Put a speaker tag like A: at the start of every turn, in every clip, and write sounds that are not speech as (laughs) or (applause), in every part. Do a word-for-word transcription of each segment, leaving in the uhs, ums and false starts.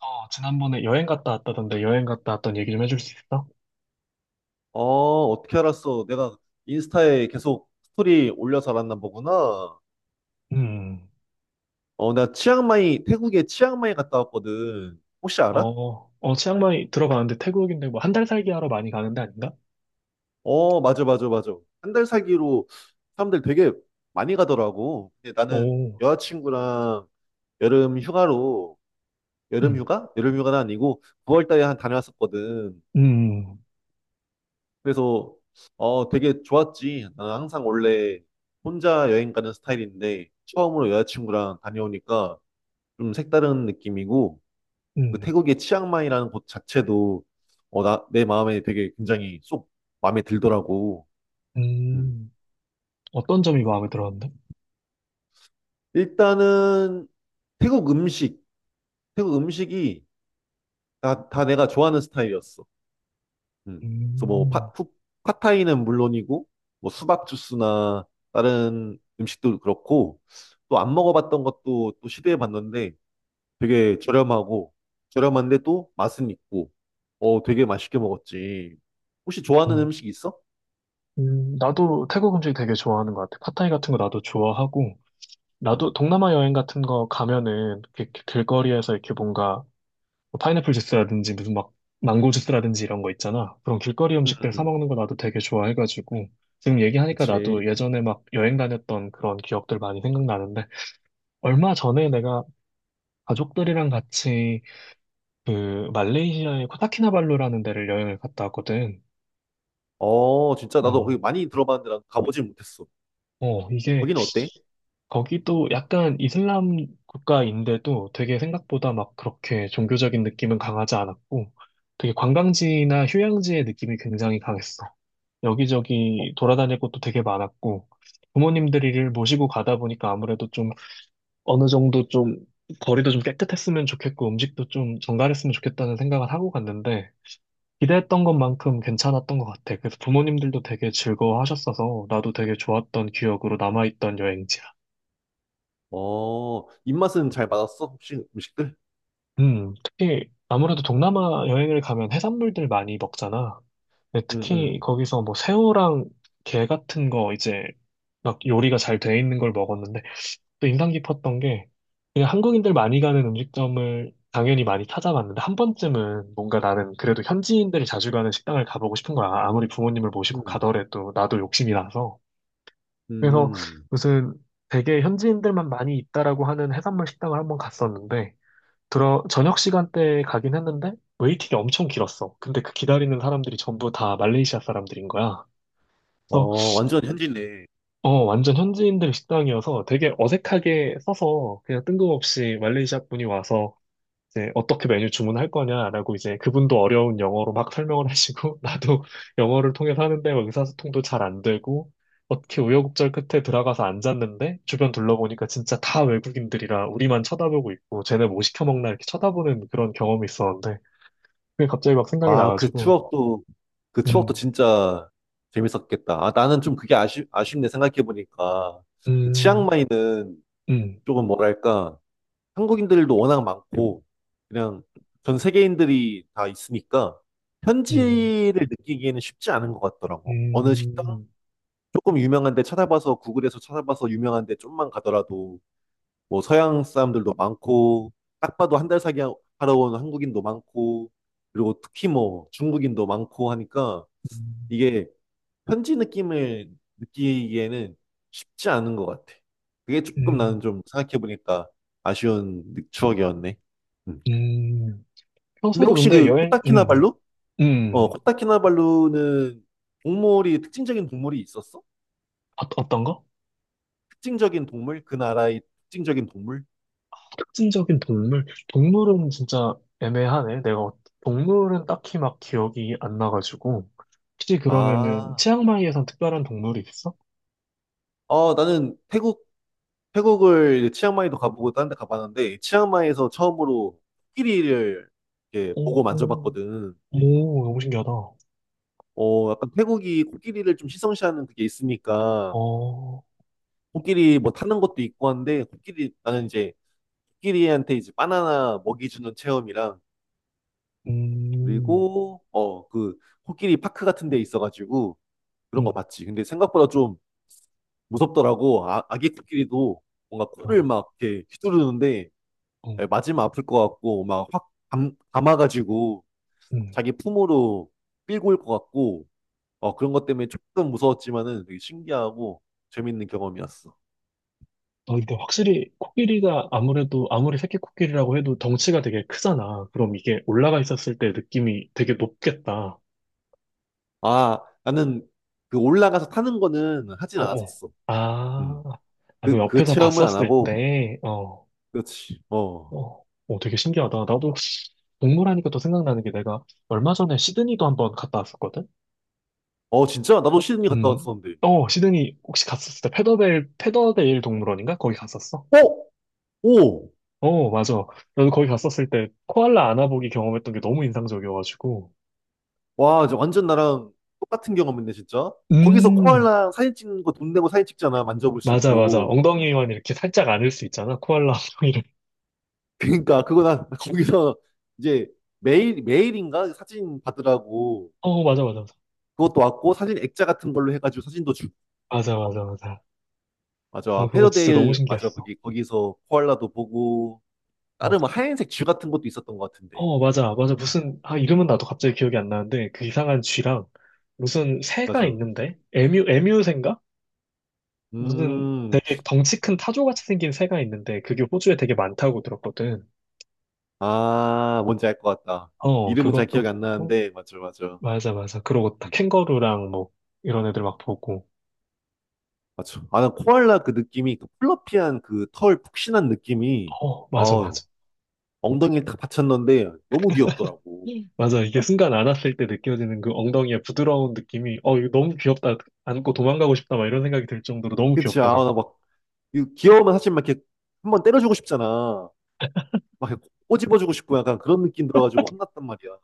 A: 어, 지난번에 여행 갔다 왔다던데 여행 갔다 왔던 얘기 좀 해줄 수 있어?
B: 어, 어떻게 알았어? 내가 인스타에 계속 스토리 올려서 알았나 보구나.
A: 음.
B: 어, 나 치앙마이, 태국에 치앙마이 갔다 왔거든. 혹시 알아?
A: 어, 어, 치앙마이 들어가는데 태국인데 뭐 한 달 살기 하러 많이 가는데 아닌가?
B: 어, 맞아, 맞아, 맞아. 한 달 살기로 사람들 되게 많이 가더라고. 근데 나는
A: 오.
B: 여자친구랑 여름 휴가로, 여름
A: 음.
B: 휴가? 여름 휴가는 아니고 구월 달에 한 다녀왔었거든.
A: 음.
B: 그래서, 어, 되게 좋았지. 나는 항상 원래 혼자 여행 가는 스타일인데, 처음으로 여자친구랑 다녀오니까 좀 색다른 느낌이고 그
A: 음.
B: 태국의 치앙마이라는 곳 자체도 어, 나, 내 마음에 되게 굉장히 쏙 마음에 들더라고. 음.
A: 음. 어떤 점이 마음에 들었는데?
B: 일단은 태국 음식, 태국 음식이 다, 다 내가 좋아하는 스타일이었어. 음. 그래서 뭐
A: 음.
B: 파, 푸, 팟타이는 물론이고 뭐 수박 주스나 다른 음식도 그렇고 또 안 먹어봤던 것도 또 시도해봤는데 되게 저렴하고 저렴한데 또 맛은 있고 어 되게 맛있게 먹었지. 혹시 좋아하는
A: 음.
B: 음식 있어?
A: 음, 나도 태국 음식 되게 좋아하는 것 같아. 팟타이 같은 거 나도 좋아하고, 나도
B: 음.
A: 동남아 여행 같은 거 가면은 이렇게 길거리에서 이렇게 뭔가 뭐 파인애플 주스라든지 무슨 막 망고 주스라든지 이런 거 있잖아. 그런 길거리
B: 음,
A: 음식들 사
B: 음.
A: 먹는 거 나도 되게 좋아해가지고 지금 얘기하니까
B: 그치.
A: 나도 예전에 막 여행 다녔던 그런 기억들 많이 생각나는데 얼마 전에 내가 가족들이랑 같이 그 말레이시아의 코타키나발루라는 데를 여행을 갔다 왔거든.
B: 어, 진짜 나도 거기
A: 어.
B: 많이 들어봤는데 난 가보진 못했어.
A: 어, 이게
B: 거기는 어때?
A: 거기도 약간 이슬람 국가인데도 되게 생각보다 막 그렇게 종교적인 느낌은 강하지 않았고 되게 관광지나 휴양지의 느낌이 굉장히 강했어.
B: 어,
A: 여기저기 돌아다닐 곳도 되게 많았고, 부모님들이를 모시고 가다 보니까 아무래도 좀 어느 정도 좀 거리도 좀 깨끗했으면 좋겠고, 음식도 좀 정갈했으면 좋겠다는 생각을 하고 갔는데, 기대했던 것만큼 괜찮았던 것 같아. 그래서 부모님들도 되게 즐거워하셨어서, 나도 되게 좋았던 기억으로 남아있던 여행지야.
B: 어, 입맛은 잘 맞았어? 혹시 음식들?
A: 음, 특히 아무래도 동남아 여행을 가면 해산물들 많이 먹잖아. 근데
B: 응,
A: 특히
B: 응,
A: 거기서 뭐 새우랑 게 같은 거 이제 막 요리가 잘 돼 있는 걸 먹었는데, 또 인상 깊었던 게 그냥 한국인들 많이 가는 음식점을 당연히 많이 찾아봤는데 한 번쯤은 뭔가 나는 그래도 현지인들이 자주 가는 식당을 가보고 싶은 거야. 아무리 부모님을 모시고
B: 응,
A: 가더라도 나도 욕심이 나서. 그래서
B: 응.
A: 무슨 되게 현지인들만 많이 있다라고 하는 해산물 식당을 한번 갔었는데 들어 저녁 시간대에 가긴 했는데 웨이팅이 엄청 길었어. 근데 그 기다리는 사람들이 전부 다 말레이시아 사람들인 거야. 그래서
B: 어, 완전 현지네.
A: 어, 완전 현지인들 식당이어서 되게 어색하게 써서 그냥 뜬금없이 말레이시아 분이 와서 이제 어떻게 메뉴 주문할 거냐라고 이제 그분도 어려운 영어로 막 설명을 하시고 (laughs) 나도 영어를 통해서 하는데 뭐 의사소통도 잘 안 되고 어떻게 우여곡절 끝에 들어가서 앉았는데 주변 둘러보니까 진짜 다 외국인들이라 우리만 쳐다보고 있고 쟤네 뭐 시켜 먹나 이렇게 쳐다보는 그런 경험이 있었는데 그게 갑자기 막 생각이
B: 아, 그
A: 나가지고
B: 추억도, 그 추억도
A: 음.
B: 진짜 재밌었겠다. 아, 나는 좀 그게 아쉽, 아쉽네, 생각해보니까. 그
A: 음.
B: 치앙마이는
A: 음.
B: 조금 뭐랄까, 한국인들도 워낙 많고 그냥 전 세계인들이 다 있으니까
A: 음.
B: 현지를 느끼기에는 쉽지 않은 것 같더라고. 어느 식당
A: 음.
B: 조금 유명한 데 찾아봐서 구글에서 찾아봐서 유명한 데 좀만 가더라도 뭐 서양 사람들도 많고 딱 봐도 한 달 사기 하- 하러 온 한국인도 많고 그리고 특히 뭐 중국인도 많고 하니까
A: 음.
B: 이게 편지 느낌을 느끼기에는 쉽지 않은 것 같아. 그게 조금 나는
A: 음.
B: 좀 생각해보니까 아쉬운 느- 추억이었네. 음.
A: 음,
B: 근데
A: 평소에도
B: 혹시
A: 근데
B: 그
A: 여행, 음,
B: 코타키나발루?
A: 음, 음.
B: 어,
A: 어,
B: 코타키나발루는 동물이 특징적인 동물이 있었어?
A: 어떤 거?
B: 특징적인 동물? 그 나라의 특징적인 동물?
A: 특징적인 동물? 동물은 진짜 애매하네. 내가, 어- 동물은 딱히 막 기억이 안 나가지고. 혹시 그러면은,
B: 아,
A: 치앙마이에선 특별한 동물이 있어?
B: 어, 나는 태국, 태국을 이제 치앙마이도 가보고 다른 데 가봤는데, 치앙마이에서 처음으로 코끼리를 이렇게
A: 오.
B: 보고
A: 오.
B: 만져봤거든.
A: 오, 너무 신기하다.
B: 어, 약간 태국이 코끼리를 좀 시성시하는 그게 있으니까,
A: 어.
B: 코끼리 뭐 타는 것도 있고 한데, 코끼리, 나는 이제, 코끼리한테 이제 바나나 먹이 주는 체험이랑,
A: 음.
B: 그리고, 어, 그, 코끼리 파크 같은 데 있어가지고, 그런 거
A: 음.
B: 봤지. 근데 생각보다 좀 무섭더라고. 아, 아기 코끼리도 뭔가
A: 어.
B: 코를 막 이렇게 휘두르는데,
A: 어.
B: 맞으면 아플 것 같고, 막 확 감, 감아가지고,
A: 음.
B: 자기 품으로 끌고 올 것 같고, 어, 그런 것 때문에 조금 무서웠지만은 되게 신기하고 재밌는 경험이었어.
A: 아, 근데 확실히 코끼리가 아무래도 아무리 새끼 코끼리라고 해도 덩치가 되게 크잖아. 그럼 이게 올라가 있었을 때 느낌이 되게 높겠다.
B: 아, 나는 그 올라가서 타는 거는 하진
A: 어어.
B: 않았었어.
A: 아.
B: 음.
A: 아, 그
B: 그, 그
A: 옆에서
B: 체험은 안
A: 봤었을
B: 하고,
A: 때, 어.
B: 그렇지. 어.
A: 어. 어, 되게 신기하다. 나도 동물 하니까 또 생각나는 게 내가 얼마 전에 시드니도 한번 갔다 왔었거든?
B: 어, 진짜? 나도 시드니 갔다
A: 음.
B: 왔었는데.
A: 어, 시드니 혹시 갔었을 때 페더데일, 페더데일 동물원인가? 거기 갔었어?
B: 어? 오!
A: 어, 맞아. 나도 거기 갔었을 때 코알라 안아보기 경험했던 게 너무 인상적이어가지고.
B: 와, 이제 완전 나랑 똑같은 경험인데, 진짜? 거기서
A: 음.
B: 코알라 사진 찍는 거 돈 내고 사진 찍잖아. 만져볼 수
A: 맞아, 맞아.
B: 있고.
A: 엉덩이만 이렇게 살짝 안을 수 있잖아. 코알라 엉덩이를. (laughs)
B: 그러니까, 그거 나 (laughs) 거기서 이제 매일, 매일인가? 사진 받으라고.
A: 어, 맞아, 맞아, 맞아.
B: 그것도 왔고, 사진 액자 같은 걸로 해가지고 사진도 주고
A: 맞아, 맞아, 맞아. 아,
B: 맞아.
A: 그거 진짜 너무
B: 페더데일, 맞아.
A: 신기했어.
B: 거기, 거기서 코알라도 보고, 다른 뭐 하얀색 줄 같은 것도 있었던 것 같은데.
A: 어, 맞아, 맞아.
B: 음,
A: 무슨, 아, 이름은 나도 갑자기 기억이 안 나는데, 그 이상한 쥐랑, 무슨 새가
B: 맞아.
A: 있는데? 에뮤, 에뮤새인가? 무슨
B: 음,
A: 되게 덩치 큰 타조같이 생긴 새가 있는데, 그게 호주에 되게 많다고 들었거든.
B: 아, 뭔지 알 것 같다.
A: 어,
B: 이름은 잘 기억이
A: 그것도
B: 안
A: 보고,
B: 나는데, 맞아, 맞아.
A: 맞아, 맞아. 그러고 다
B: 음,
A: 캥거루랑 뭐, 이런 애들 막 보고,
B: 맞아. 아, 난 코알라 그 느낌이, 그 플러피한 그 털 푹신한 느낌이,
A: 어, 맞아, 맞아.
B: 아우, 엉덩이에 딱 받쳤는데, 너무 귀엽더라고.
A: 예. 맞아. 이게 순간 안았을 때 느껴지는 그 엉덩이의 부드러운 느낌이, 어, 이거 너무 귀엽다. 안고 도망가고 싶다. 막 이런 생각이 들 정도로 너무
B: 그치, 아,
A: 귀엽더라고.
B: 나 막, 이 귀여우면 사실 막 이렇게 한 번 때려주고 싶잖아. 막 이렇게 꼬집어주고 싶고 약간 그런 느낌 들어가지고 혼났단 말이야.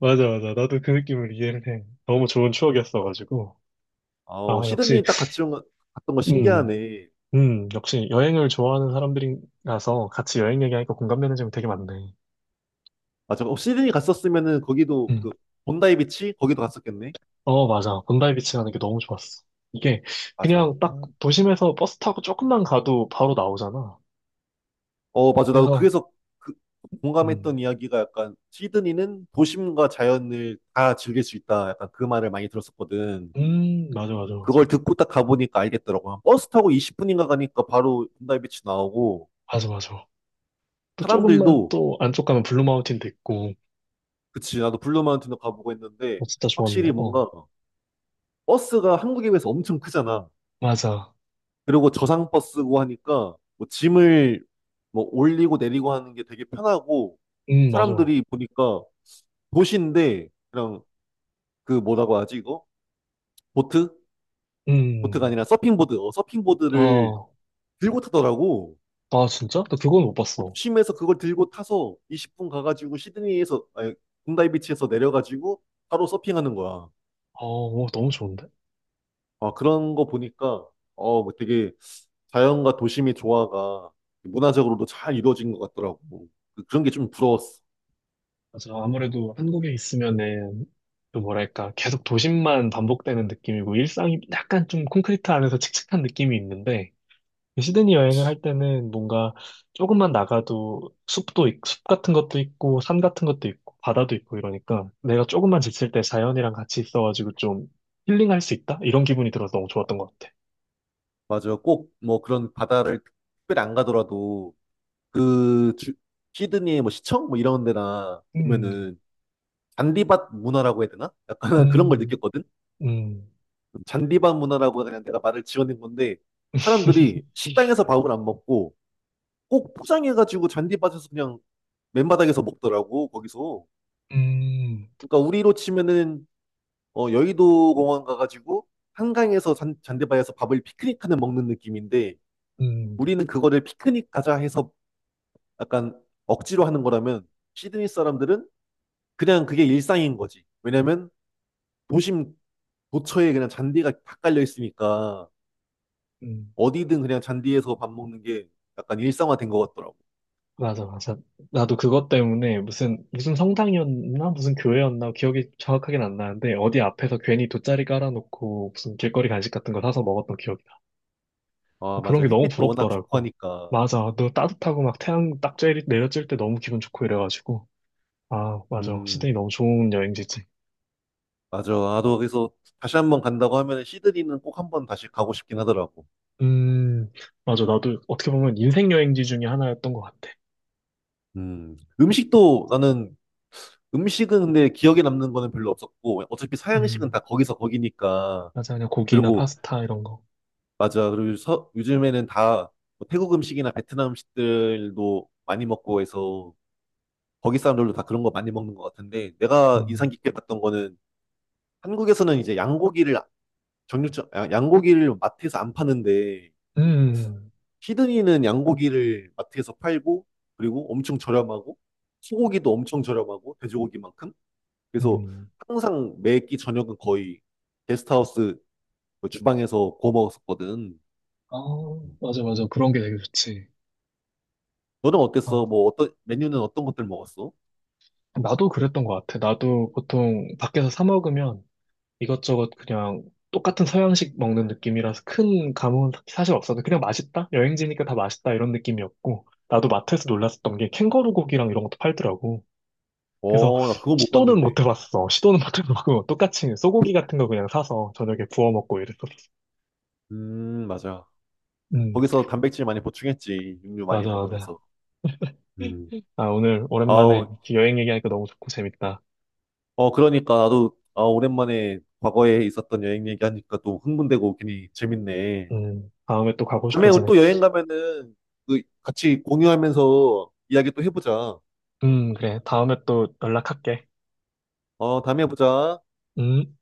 A: 맞아, 맞아. 나도 그 느낌을 이해를 해. 너무 좋은 추억이었어가지고.
B: 아,
A: 아,
B: 어,
A: 역시.
B: 시드니 딱 같이 온 거- 갔던 거
A: 음.
B: 신기하네.
A: 음, 역시 여행을 좋아하는 사람들이라서 같이 여행 얘기하니까 공감되는 점이 되게 많네.
B: 맞아. 어, 시드니 갔었으면은 거기도
A: 음.
B: 그 본다이 비치 거기도 갔었겠네.
A: 어, 맞아. 본다이 비치 가는 게 너무 좋았어. 이게
B: 맞아.
A: 그냥 딱 도심에서 버스 타고 조금만 가도 바로 나오잖아.
B: 어, 맞아. 나도
A: 그래서.
B: 그래서 그
A: 음.
B: 공감했던 이야기가 약간 시드니는 도심과 자연을 다 즐길 수 있다. 약간 그 말을 많이 들었었거든.
A: 음. 맞아, 맞아, 맞아.
B: 그걸 듣고 딱 가보니까 알겠더라고. 버스 타고 이십 분인가 가니까 바로 본다이 비치 나오고
A: 맞아, 맞아. 또 조금만
B: 사람들도
A: 또 안쪽 가면 블루 마운틴도 있고,
B: 그치. 나도 블루 마운틴도 가보고 했는데
A: 어, 진짜 좋았는데,
B: 확실히
A: 어.
B: 뭔가 버스가 한국에 비해서 엄청 크잖아.
A: 맞아.
B: 그리고 저상버 쓰고 하니까 뭐 짐을 뭐 올리고 내리고 하는 게 되게 편하고
A: 음. 맞아.
B: 사람들이 보니까 도시인데 그냥 그 뭐라고 하지 이거? 보트? 보트가
A: 음.
B: 아니라 서핑보드. 어, 서핑보드를
A: 아.
B: 들고 타더라고.
A: 아, 진짜? 나 그건 못 봤어.
B: 도심에서 그걸 들고 타서 이십 분 가가지고 시드니에서 아니, 군다이 비치에서 내려가지고 바로 서핑하는 거야.
A: 아, 오, 너무 좋은데?
B: 아, 그런 거 보니까, 어, 뭐 되게 자연과 도심의 조화가 문화적으로도 잘 이루어진 것 같더라고. 그- 그런 게 좀 부러웠어.
A: 맞아. 아무래도 한국에 있으면은, 그 뭐랄까, 계속 도심만 반복되는 느낌이고, 일상이 약간 좀 콘크리트 안에서 칙칙한 느낌이 있는데, 그 시드니 여행을 할 때는 뭔가 조금만 나가도 숲도, 있- 숲 같은 것도 있고, 산 같은 것도 있고, 바다도 있고 이러니까, 내가 조금만 지칠 때 자연이랑 같이 있어가지고 좀 힐링할 수 있다? 이런 기분이 들어서 너무 좋았던 것 같아.
B: 맞아. 꼭 뭐 그런 바다를 특별히 안 가더라도 그 주- 시드니의 뭐 시청 뭐 이런 데나
A: 음.
B: 보면은 잔디밭 문화라고 해야 되나? 약간 (laughs) 그런 걸
A: 음.
B: 느꼈거든.
A: 음.
B: 잔디밭 문화라고 그냥 내가 말을 지어낸 건데 사람들이
A: (laughs)
B: 식당에서 밥을 안 먹고 꼭 포장해가지고 잔디밭에서 그냥 맨바닥에서 먹더라고, 거기서.
A: 음.
B: 그러니까 우리로 치면은 어, 여의도 공원 가가지고 한강에서 잔, 잔디바에서 밥을 피크닉하는 먹는 느낌인데
A: 음.
B: 우리는 그거를 피크닉 가자 해서 약간 억지로 하는 거라면 시드니 사람들은 그냥 그게 일상인 거지. 왜냐면 도심 도처에 그냥 잔디가 다 깔려 있으니까
A: 음,
B: 어디든 그냥 잔디에서 밥 먹는 게 약간 일상화된 것 같더라고.
A: 맞아, 맞아. 나도 그것 때문에 무슨, 무슨 성당이었나? 무슨 교회였나? 기억이 정확하긴 안 나는데, 어디 앞에서 괜히 돗자리 깔아놓고 무슨 길거리 간식 같은 거 사서 먹었던 기억이 나.
B: 아,
A: 그런
B: 맞아.
A: 게 너무
B: 햇빛도 워낙 좋고
A: 부럽더라고.
B: 하니까.
A: 맞아. 너 따뜻하고 막 태양 딱 쬐- 내려질 때 너무 기분 좋고 이래가지고. 아, 맞아.
B: 음,
A: 시드니 너무 좋은 여행지지.
B: 맞아. 나도 그래서 다시 한 번 간다고 하면 시드니는 꼭 한번 다시 가고 싶긴 하더라고.
A: 음. 맞아. 나도 어떻게 보면 인생 여행지 중에 하나였던 것 같아.
B: 음, 음식도 나는 음식은 근데 기억에 남는 거는 별로 없었고 어차피 서양식은
A: 음.
B: 다 거기서 거기니까
A: 맞아. 그냥 고기나
B: 그리고
A: 파스타 이런 거.
B: 맞아 그리고 서, 요즘에는 다뭐 태국 음식이나 베트남 음식들도 많이 먹고 해서 거기 사람들도 다 그런 거 많이 먹는 것 같은데 내가 인상
A: 음.
B: 깊게 봤던 거는 한국에서는 이제 양고기를 정육점 야- 양고기를 마트에서 안 파는데
A: 음.
B: 시드니는 양고기를 마트에서 팔고 그리고 엄청 저렴하고 소고기도 엄청 저렴하고 돼지고기만큼 그래서
A: 음.
B: 항상 매끼 저녁은 거의 게스트하우스 그 주방에서 구워 먹었었거든.
A: 아,
B: 음.
A: 맞아, 맞아. 그런 게 되게 좋지.
B: 너는 어땠어?
A: 아,
B: 뭐 어떤 메뉴는 어떤 것들 먹었어?
A: 나도 그랬던 것 같아. 나도 보통 밖에서 사 먹으면 이것저것 그냥 똑같은 서양식 먹는 느낌이라서 큰 감흥은 사실 없어도 그냥 맛있다? 여행지니까 다 맛있다 이런 느낌이었고, 나도 마트에서 놀랐었던 게 캥거루 고기랑 이런 것도 팔더라고. 그래서
B: 어, 나 그거 못
A: 시도는
B: 봤는데.
A: 못 해봤어. 시도는 못 해보고 (laughs) 똑같이 소고기 같은 거 그냥 사서 저녁에 구워 먹고 이랬었어.
B: 음, 맞아.
A: 음.
B: 거기서 단백질 많이 보충했지. 육류 많이
A: 맞아, 맞아.
B: 먹으면서. 음.
A: 아, 오늘 오랜만에
B: 아우,
A: 이렇게 여행 얘기하니까 너무 좋고 재밌다.
B: 어, 그러니까 나도 아, 오랜만에 과거에 있었던 여행 얘기하니까 또 흥분되고 괜히 재밌네.
A: 음, 다음에 또 가고
B: 다음에 우리
A: 싶어지네.
B: 또 여행 가면은 그 같이 공유하면서 이야기 또 해보자.
A: 음, 그래. 다음에 또 연락할게.
B: 어, 다음에 보자.
A: 음.